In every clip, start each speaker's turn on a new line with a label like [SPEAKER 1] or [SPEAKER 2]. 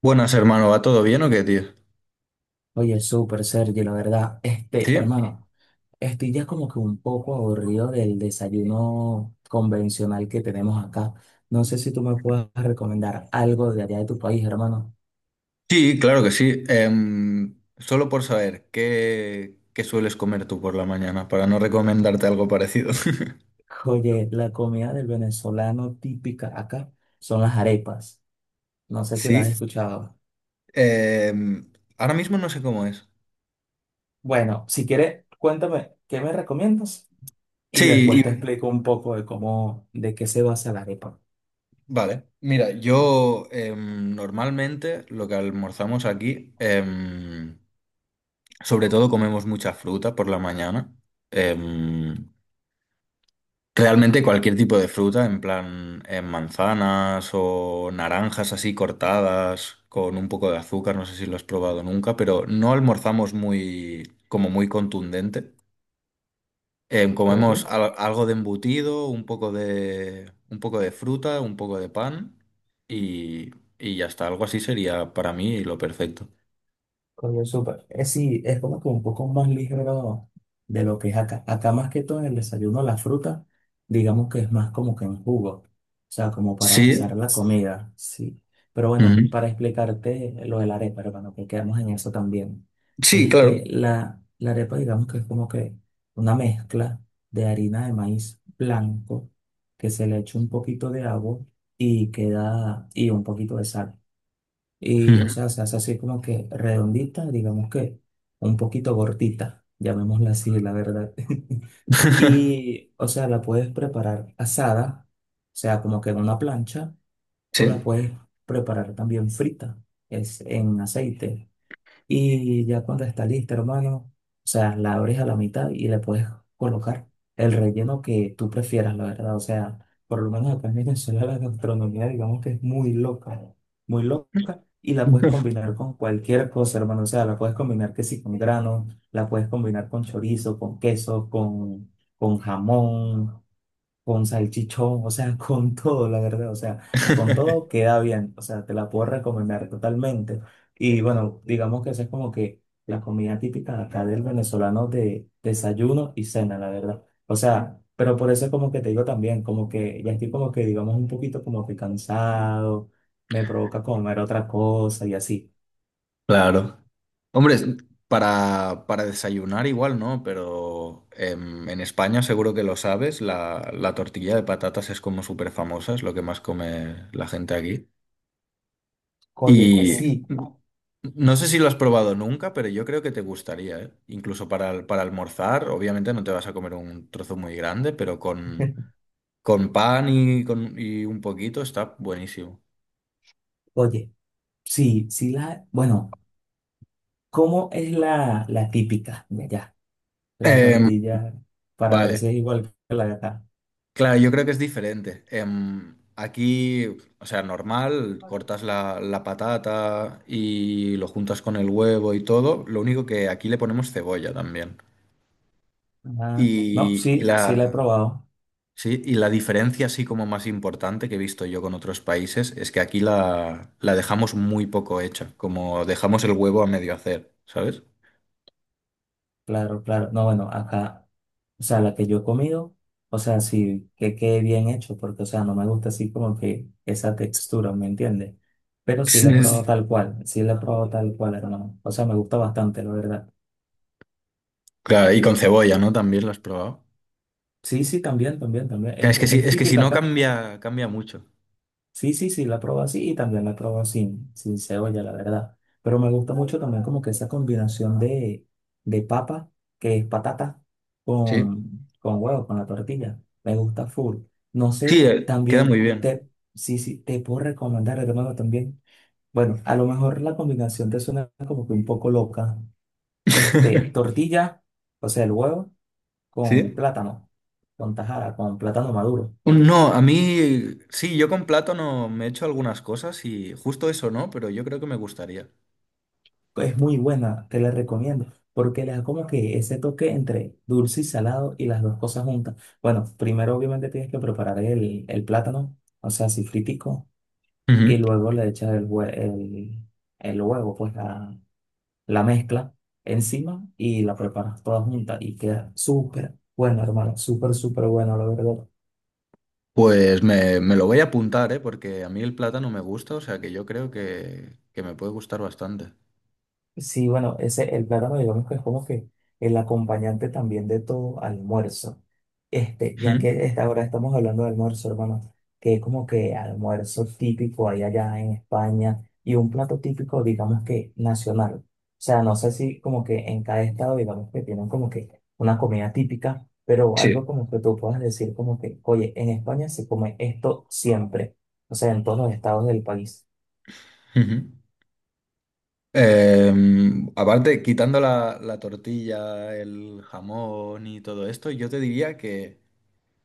[SPEAKER 1] Buenas, hermano. ¿Va todo bien o qué, tío?
[SPEAKER 2] Oye, súper, Sergio, la verdad.
[SPEAKER 1] Sí,
[SPEAKER 2] Hermano, estoy ya como que un poco aburrido del desayuno convencional que tenemos acá. No sé si tú me puedes recomendar algo de allá de tu país, hermano.
[SPEAKER 1] sí, claro que sí. Solo por saber, ¿qué sueles comer tú por la mañana para no recomendarte algo parecido?
[SPEAKER 2] Oye, la comida del venezolano típica acá son las arepas. No sé si
[SPEAKER 1] Sí,
[SPEAKER 2] las has escuchado.
[SPEAKER 1] em, ahora mismo no sé cómo es.
[SPEAKER 2] Bueno, si quieres, cuéntame qué me recomiendas y
[SPEAKER 1] Sí,
[SPEAKER 2] después te
[SPEAKER 1] y-
[SPEAKER 2] explico un poco de cómo, de qué se basa la arepa.
[SPEAKER 1] vale. Mira, yo normalmente lo que almorzamos aquí, sobre todo comemos mucha fruta por la mañana. Em, Realmente cualquier tipo de fruta, en plan manzanas o naranjas así cortadas con un poco de azúcar, no sé si lo has probado nunca, pero no almorzamos muy, como muy contundente. Comemos
[SPEAKER 2] Ok.
[SPEAKER 1] algo de embutido, un poco de fruta, un poco de pan y, y ya está. Algo así sería para mí lo perfecto.
[SPEAKER 2] Coño, súper. Es, sí, es como que un poco más ligero de lo que es acá. Acá más que todo en el desayuno, la fruta, digamos que es más como que en jugo. O sea, como para
[SPEAKER 1] Sí.
[SPEAKER 2] pasar la comida, sí. Pero
[SPEAKER 1] Ujú.
[SPEAKER 2] bueno, para explicarte lo de la arepa, hermano, que quedamos en eso también.
[SPEAKER 1] Sí, claro.
[SPEAKER 2] La arepa, digamos que es como que una mezcla de harina de maíz blanco que se le echa un poquito de agua y queda, y un poquito de sal. Y, o
[SPEAKER 1] Ujú.
[SPEAKER 2] sea, se hace así como que redondita, digamos que un poquito gordita, llamémosla así, la verdad. Y, o sea, la puedes preparar asada, o sea, como que en una plancha, o la
[SPEAKER 1] Sí.
[SPEAKER 2] puedes preparar también frita, es en aceite. Y ya cuando está lista, hermano, o sea, la abres a la mitad y le puedes colocar el relleno que tú prefieras, la verdad. O sea, por lo menos acá en Venezuela la gastronomía, digamos que es muy loca, y la puedes combinar con cualquier cosa, hermano. O sea, la puedes combinar que sí con grano, la puedes combinar con chorizo, con queso, con jamón con salchichón, o sea, con todo, la verdad, o sea, con todo queda bien, o sea, te la puedo recomendar totalmente. Y bueno, digamos que esa es como que la comida típica de acá del venezolano de desayuno y cena, la verdad. O sea, pero por eso es como que te digo también, como que ya estoy como que, digamos, un poquito como que cansado, me provoca comer otra cosa y así.
[SPEAKER 1] Claro. Hombre, es- para desayunar igual, ¿no? Pero en España seguro que lo sabes, la tortilla de patatas es como súper famosa, es lo que más come la gente aquí.
[SPEAKER 2] Oye, sí.
[SPEAKER 1] Y no sé si lo has probado nunca, pero yo creo que te gustaría, ¿eh? Incluso para, para almorzar, obviamente no te vas a comer un trozo muy grande, pero con pan y, con, y un poquito está buenísimo.
[SPEAKER 2] Oye, sí, sí la, bueno, ¿cómo es la, la típica? La
[SPEAKER 1] Em,
[SPEAKER 2] tortilla para ver si
[SPEAKER 1] vale.
[SPEAKER 2] es igual que la de acá.
[SPEAKER 1] Claro, yo creo que es diferente. Aquí, o sea, normal, cortas la patata y lo juntas con el huevo y todo. Lo único que aquí le ponemos cebolla también.
[SPEAKER 2] Ajá. No,
[SPEAKER 1] Y, y
[SPEAKER 2] sí, sí la he
[SPEAKER 1] la,
[SPEAKER 2] probado.
[SPEAKER 1] sí, y la diferencia así como más importante que he visto yo con otros países es que aquí la dejamos muy poco hecha, como dejamos el huevo a medio hacer, ¿sabes?
[SPEAKER 2] Claro, claro. No, bueno, acá, o sea, la que yo he comido, o sea, sí que quede bien hecho, porque, o sea, no me gusta así como que esa textura, ¿me entiendes? Pero sí
[SPEAKER 1] Sí,
[SPEAKER 2] la he probado
[SPEAKER 1] Es-
[SPEAKER 2] tal cual, sí la he probado tal cual, hermano. O sea, me gusta bastante, la verdad.
[SPEAKER 1] Claro, y con cebolla, ¿no? También lo has probado.
[SPEAKER 2] Sí, sí, también, también, también.
[SPEAKER 1] Claro, es que sí,
[SPEAKER 2] Es
[SPEAKER 1] es que si
[SPEAKER 2] típica
[SPEAKER 1] no
[SPEAKER 2] acá.
[SPEAKER 1] cambia, cambia mucho.
[SPEAKER 2] Sí, sí, sí, la probé así y también la probé sin cebolla, la verdad. Pero me gusta mucho también como que esa combinación de papa, que es patata,
[SPEAKER 1] Sí.
[SPEAKER 2] con huevo, con la tortilla. Me gusta full. No
[SPEAKER 1] Sí,
[SPEAKER 2] sé,
[SPEAKER 1] queda muy
[SPEAKER 2] también
[SPEAKER 1] bien.
[SPEAKER 2] te, sí, sí, te puedo recomendar, hermano, también. Bueno, a lo mejor la combinación te suena como que un poco loca. Tortilla, o sea, el huevo con
[SPEAKER 1] ¿Sí?
[SPEAKER 2] plátano, con tajada, con plátano maduro.
[SPEAKER 1] No, a mí sí, yo con plátano me he hecho algunas cosas y justo eso no, pero yo creo que me gustaría.
[SPEAKER 2] Es muy buena, te la recomiendo, porque le da como que ese toque entre dulce y salado y las dos cosas juntas. Bueno, primero obviamente tienes que preparar el plátano, o sea, así fritico, y
[SPEAKER 1] Ujú.
[SPEAKER 2] luego le echas el huevo, pues la mezcla encima y la preparas toda junta y queda súper bueno, hermano, súper, súper bueno, la verdad.
[SPEAKER 1] Pues me lo voy a apuntar, ¿eh? Porque a mí el plátano me gusta, o sea que yo creo que me puede gustar bastante.
[SPEAKER 2] Sí, bueno, ese, el plátano digamos que es como que el acompañante también de todo almuerzo. Este, ya
[SPEAKER 1] Ujú.
[SPEAKER 2] que esta- Ahora estamos hablando de almuerzo, hermano, que es como que almuerzo típico ahí allá en España y un plato típico, digamos que nacional. O sea, no sé si como que en cada estado, digamos que tienen como que una comida típica, pero algo
[SPEAKER 1] Sí.
[SPEAKER 2] como que tú puedas decir como que, oye, en España se come esto siempre. O sea, en todos los estados del país.
[SPEAKER 1] Ujú. Aparte, quitando la tortilla, el jamón y todo esto, yo te diría que...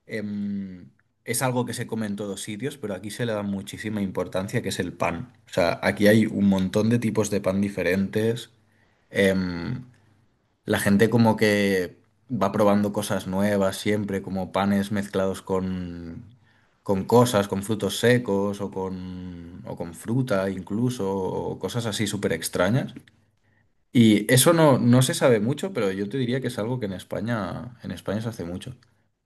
[SPEAKER 1] em, es algo que se come en todos sitios, pero aquí se le da muchísima importancia, que es el pan. O sea, aquí hay un montón de tipos de pan diferentes. em, la gente como que va probando cosas nuevas siempre, como panes mezclados con cosas, con frutos secos o con fruta incluso, o cosas así súper extrañas. Y eso no, no se sabe mucho, pero yo te diría que es algo que en España se hace mucho.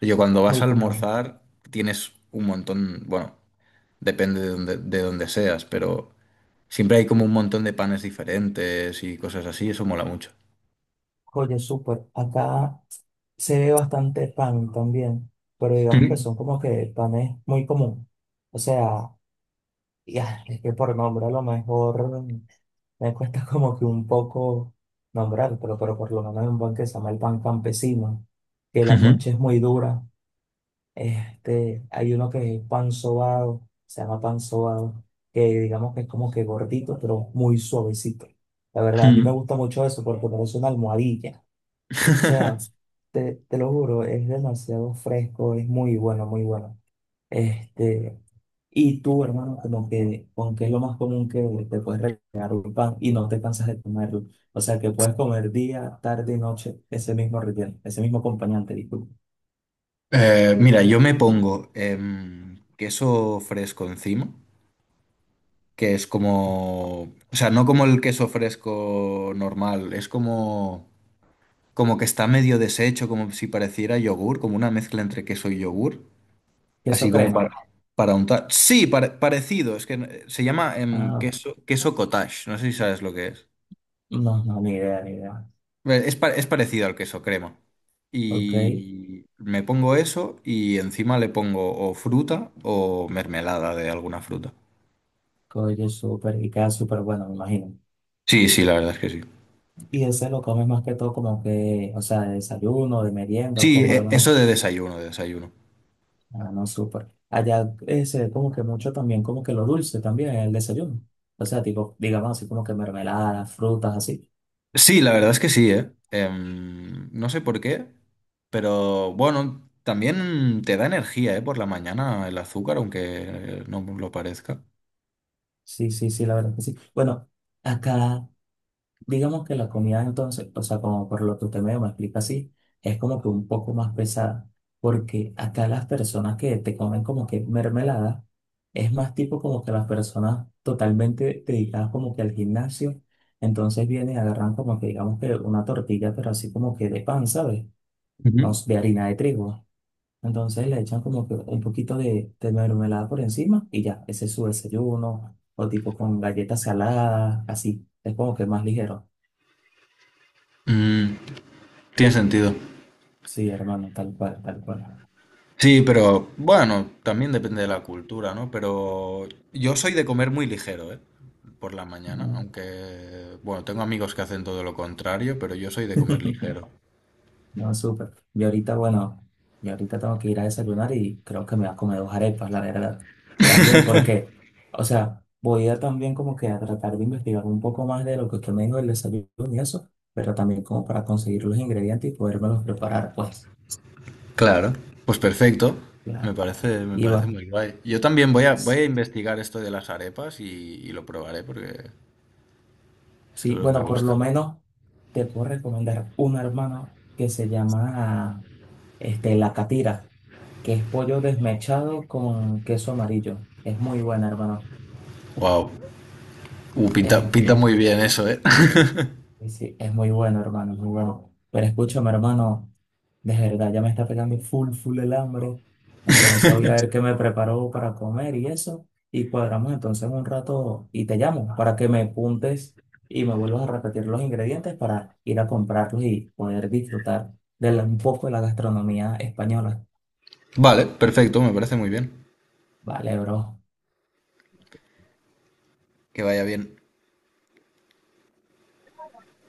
[SPEAKER 1] Yo cuando
[SPEAKER 2] Es
[SPEAKER 1] vas
[SPEAKER 2] muy
[SPEAKER 1] a
[SPEAKER 2] común.
[SPEAKER 1] almorzar tienes un montón, bueno, depende de donde seas, pero siempre hay como un montón de panes diferentes y cosas así, eso mola mucho.
[SPEAKER 2] Oye, súper. Acá se ve bastante pan también, pero digamos que
[SPEAKER 1] Mm,
[SPEAKER 2] son como que el pan es muy común. O sea, ya, es que por nombre a lo mejor me cuesta como que un poco nombrar, pero por lo menos hay un pan que se llama el pan campesino, que la
[SPEAKER 1] ujú,
[SPEAKER 2] concha es muy dura. Hay uno que es pan sobado, se llama pan sobado, que digamos que es como que gordito, pero muy suavecito. La verdad, a mí me
[SPEAKER 1] mm.
[SPEAKER 2] gusta mucho eso porque parece una almohadilla. O sea, te lo juro, es demasiado fresco, es muy bueno, muy bueno. Este, y tú, hermano, como que, aunque es lo más común que te puedes regalar un pan y no te cansas de comerlo. O sea, que puedes comer día, tarde y noche ese mismo relleno, ese mismo acompañante, disculpa.
[SPEAKER 1] Mira, yo me pongo queso fresco encima, que es como, o sea, no como el queso fresco normal, es como... como que está medio deshecho, como si pareciera yogur, como una mezcla entre queso y yogur,
[SPEAKER 2] ¿Queso
[SPEAKER 1] así como
[SPEAKER 2] crema?
[SPEAKER 1] para untar. Sí, parecido, es que se llama
[SPEAKER 2] Ah, ok.
[SPEAKER 1] queso cottage, no sé si sabes lo que es.
[SPEAKER 2] No, no, ni idea, ni idea.
[SPEAKER 1] Es parecido al queso crema.
[SPEAKER 2] Ok,
[SPEAKER 1] Y me pongo eso y encima le pongo o fruta o mermelada de alguna fruta.
[SPEAKER 2] oye, súper, y queda súper bueno, me imagino.
[SPEAKER 1] Sí, sí, la verdad es que sí.
[SPEAKER 2] Y ese lo comes más que todo como que, o sea, de desayuno, de merienda, o como,
[SPEAKER 1] Eso
[SPEAKER 2] hermano.
[SPEAKER 1] de desayuno, de desayuno.
[SPEAKER 2] Ah, no, súper. Allá se ve como que mucho también, como que lo dulce también en el desayuno. O sea, tipo, digamos así como que mermeladas, frutas, así.
[SPEAKER 1] Sí, la verdad es que sí, ¿eh? No sé por qué, pero bueno, también te da energía, ¿eh? Por la mañana el azúcar, aunque no lo parezca.
[SPEAKER 2] Sí, sí, sí, la verdad que sí. Bueno, acá, digamos que la comida entonces, o sea, como por lo que usted medio me explica así, es como que un poco más pesada. Porque acá las personas que te comen como que mermelada, es más tipo como que las personas totalmente dedicadas como que al gimnasio. Entonces vienen y agarran como que digamos que una tortilla, pero así como que de pan, ¿sabes? No,
[SPEAKER 1] Ujú.
[SPEAKER 2] s- De harina de trigo. Entonces le echan como que un poquito de mermelada por encima y ya, ese es su desayuno, o tipo con galletas saladas, así. Es como que más ligero.
[SPEAKER 1] Mm, tiene sentido.
[SPEAKER 2] Sí, hermano, tal cual, tal cual.
[SPEAKER 1] Sí, pero bueno, también depende de la cultura, ¿no? Pero yo soy de comer muy ligero, ¿eh? Por la mañana,
[SPEAKER 2] No,
[SPEAKER 1] aunque, bueno, tengo amigos que hacen todo lo contrario, pero yo soy de comer ligero.
[SPEAKER 2] no, súper. Y ahorita, bueno, y ahorita tengo que ir a desayunar y creo que me voy a comer 2 arepas, la verdad. También porque, o sea, voy a también como que a tratar de investigar un poco más de lo que usted me dijo del desayuno y eso pero también como para conseguir los ingredientes y podérmelos preparar, pues.
[SPEAKER 1] Claro, pues perfecto.
[SPEAKER 2] Claro,
[SPEAKER 1] Me parece
[SPEAKER 2] Iván.
[SPEAKER 1] muy guay. Yo también voy voy
[SPEAKER 2] S-
[SPEAKER 1] a investigar esto de las arepas y lo probaré porque
[SPEAKER 2] Sí,
[SPEAKER 1] seguro me
[SPEAKER 2] bueno, por lo
[SPEAKER 1] gusta.
[SPEAKER 2] menos te puedo recomendar una hermana que se llama La Catira, que es pollo desmechado con queso amarillo. Es muy buena, hermano.
[SPEAKER 1] Wow, pinta
[SPEAKER 2] Este,
[SPEAKER 1] muy bien eso, ¿eh?
[SPEAKER 2] sí, sí, es muy bueno, hermano, muy bueno. Pero escúchame, hermano. De verdad, ya me está pegando full, full el hambre. Entonces voy a ver qué me preparo para comer y eso. Y cuadramos entonces en un rato y te llamo para que me apuntes y me vuelvas a repetir los ingredientes para ir a comprarlos y poder disfrutar de la- un poco de la gastronomía española.
[SPEAKER 1] Vale, perfecto, me parece muy bien.
[SPEAKER 2] Vale, bro.
[SPEAKER 1] Que vaya bien.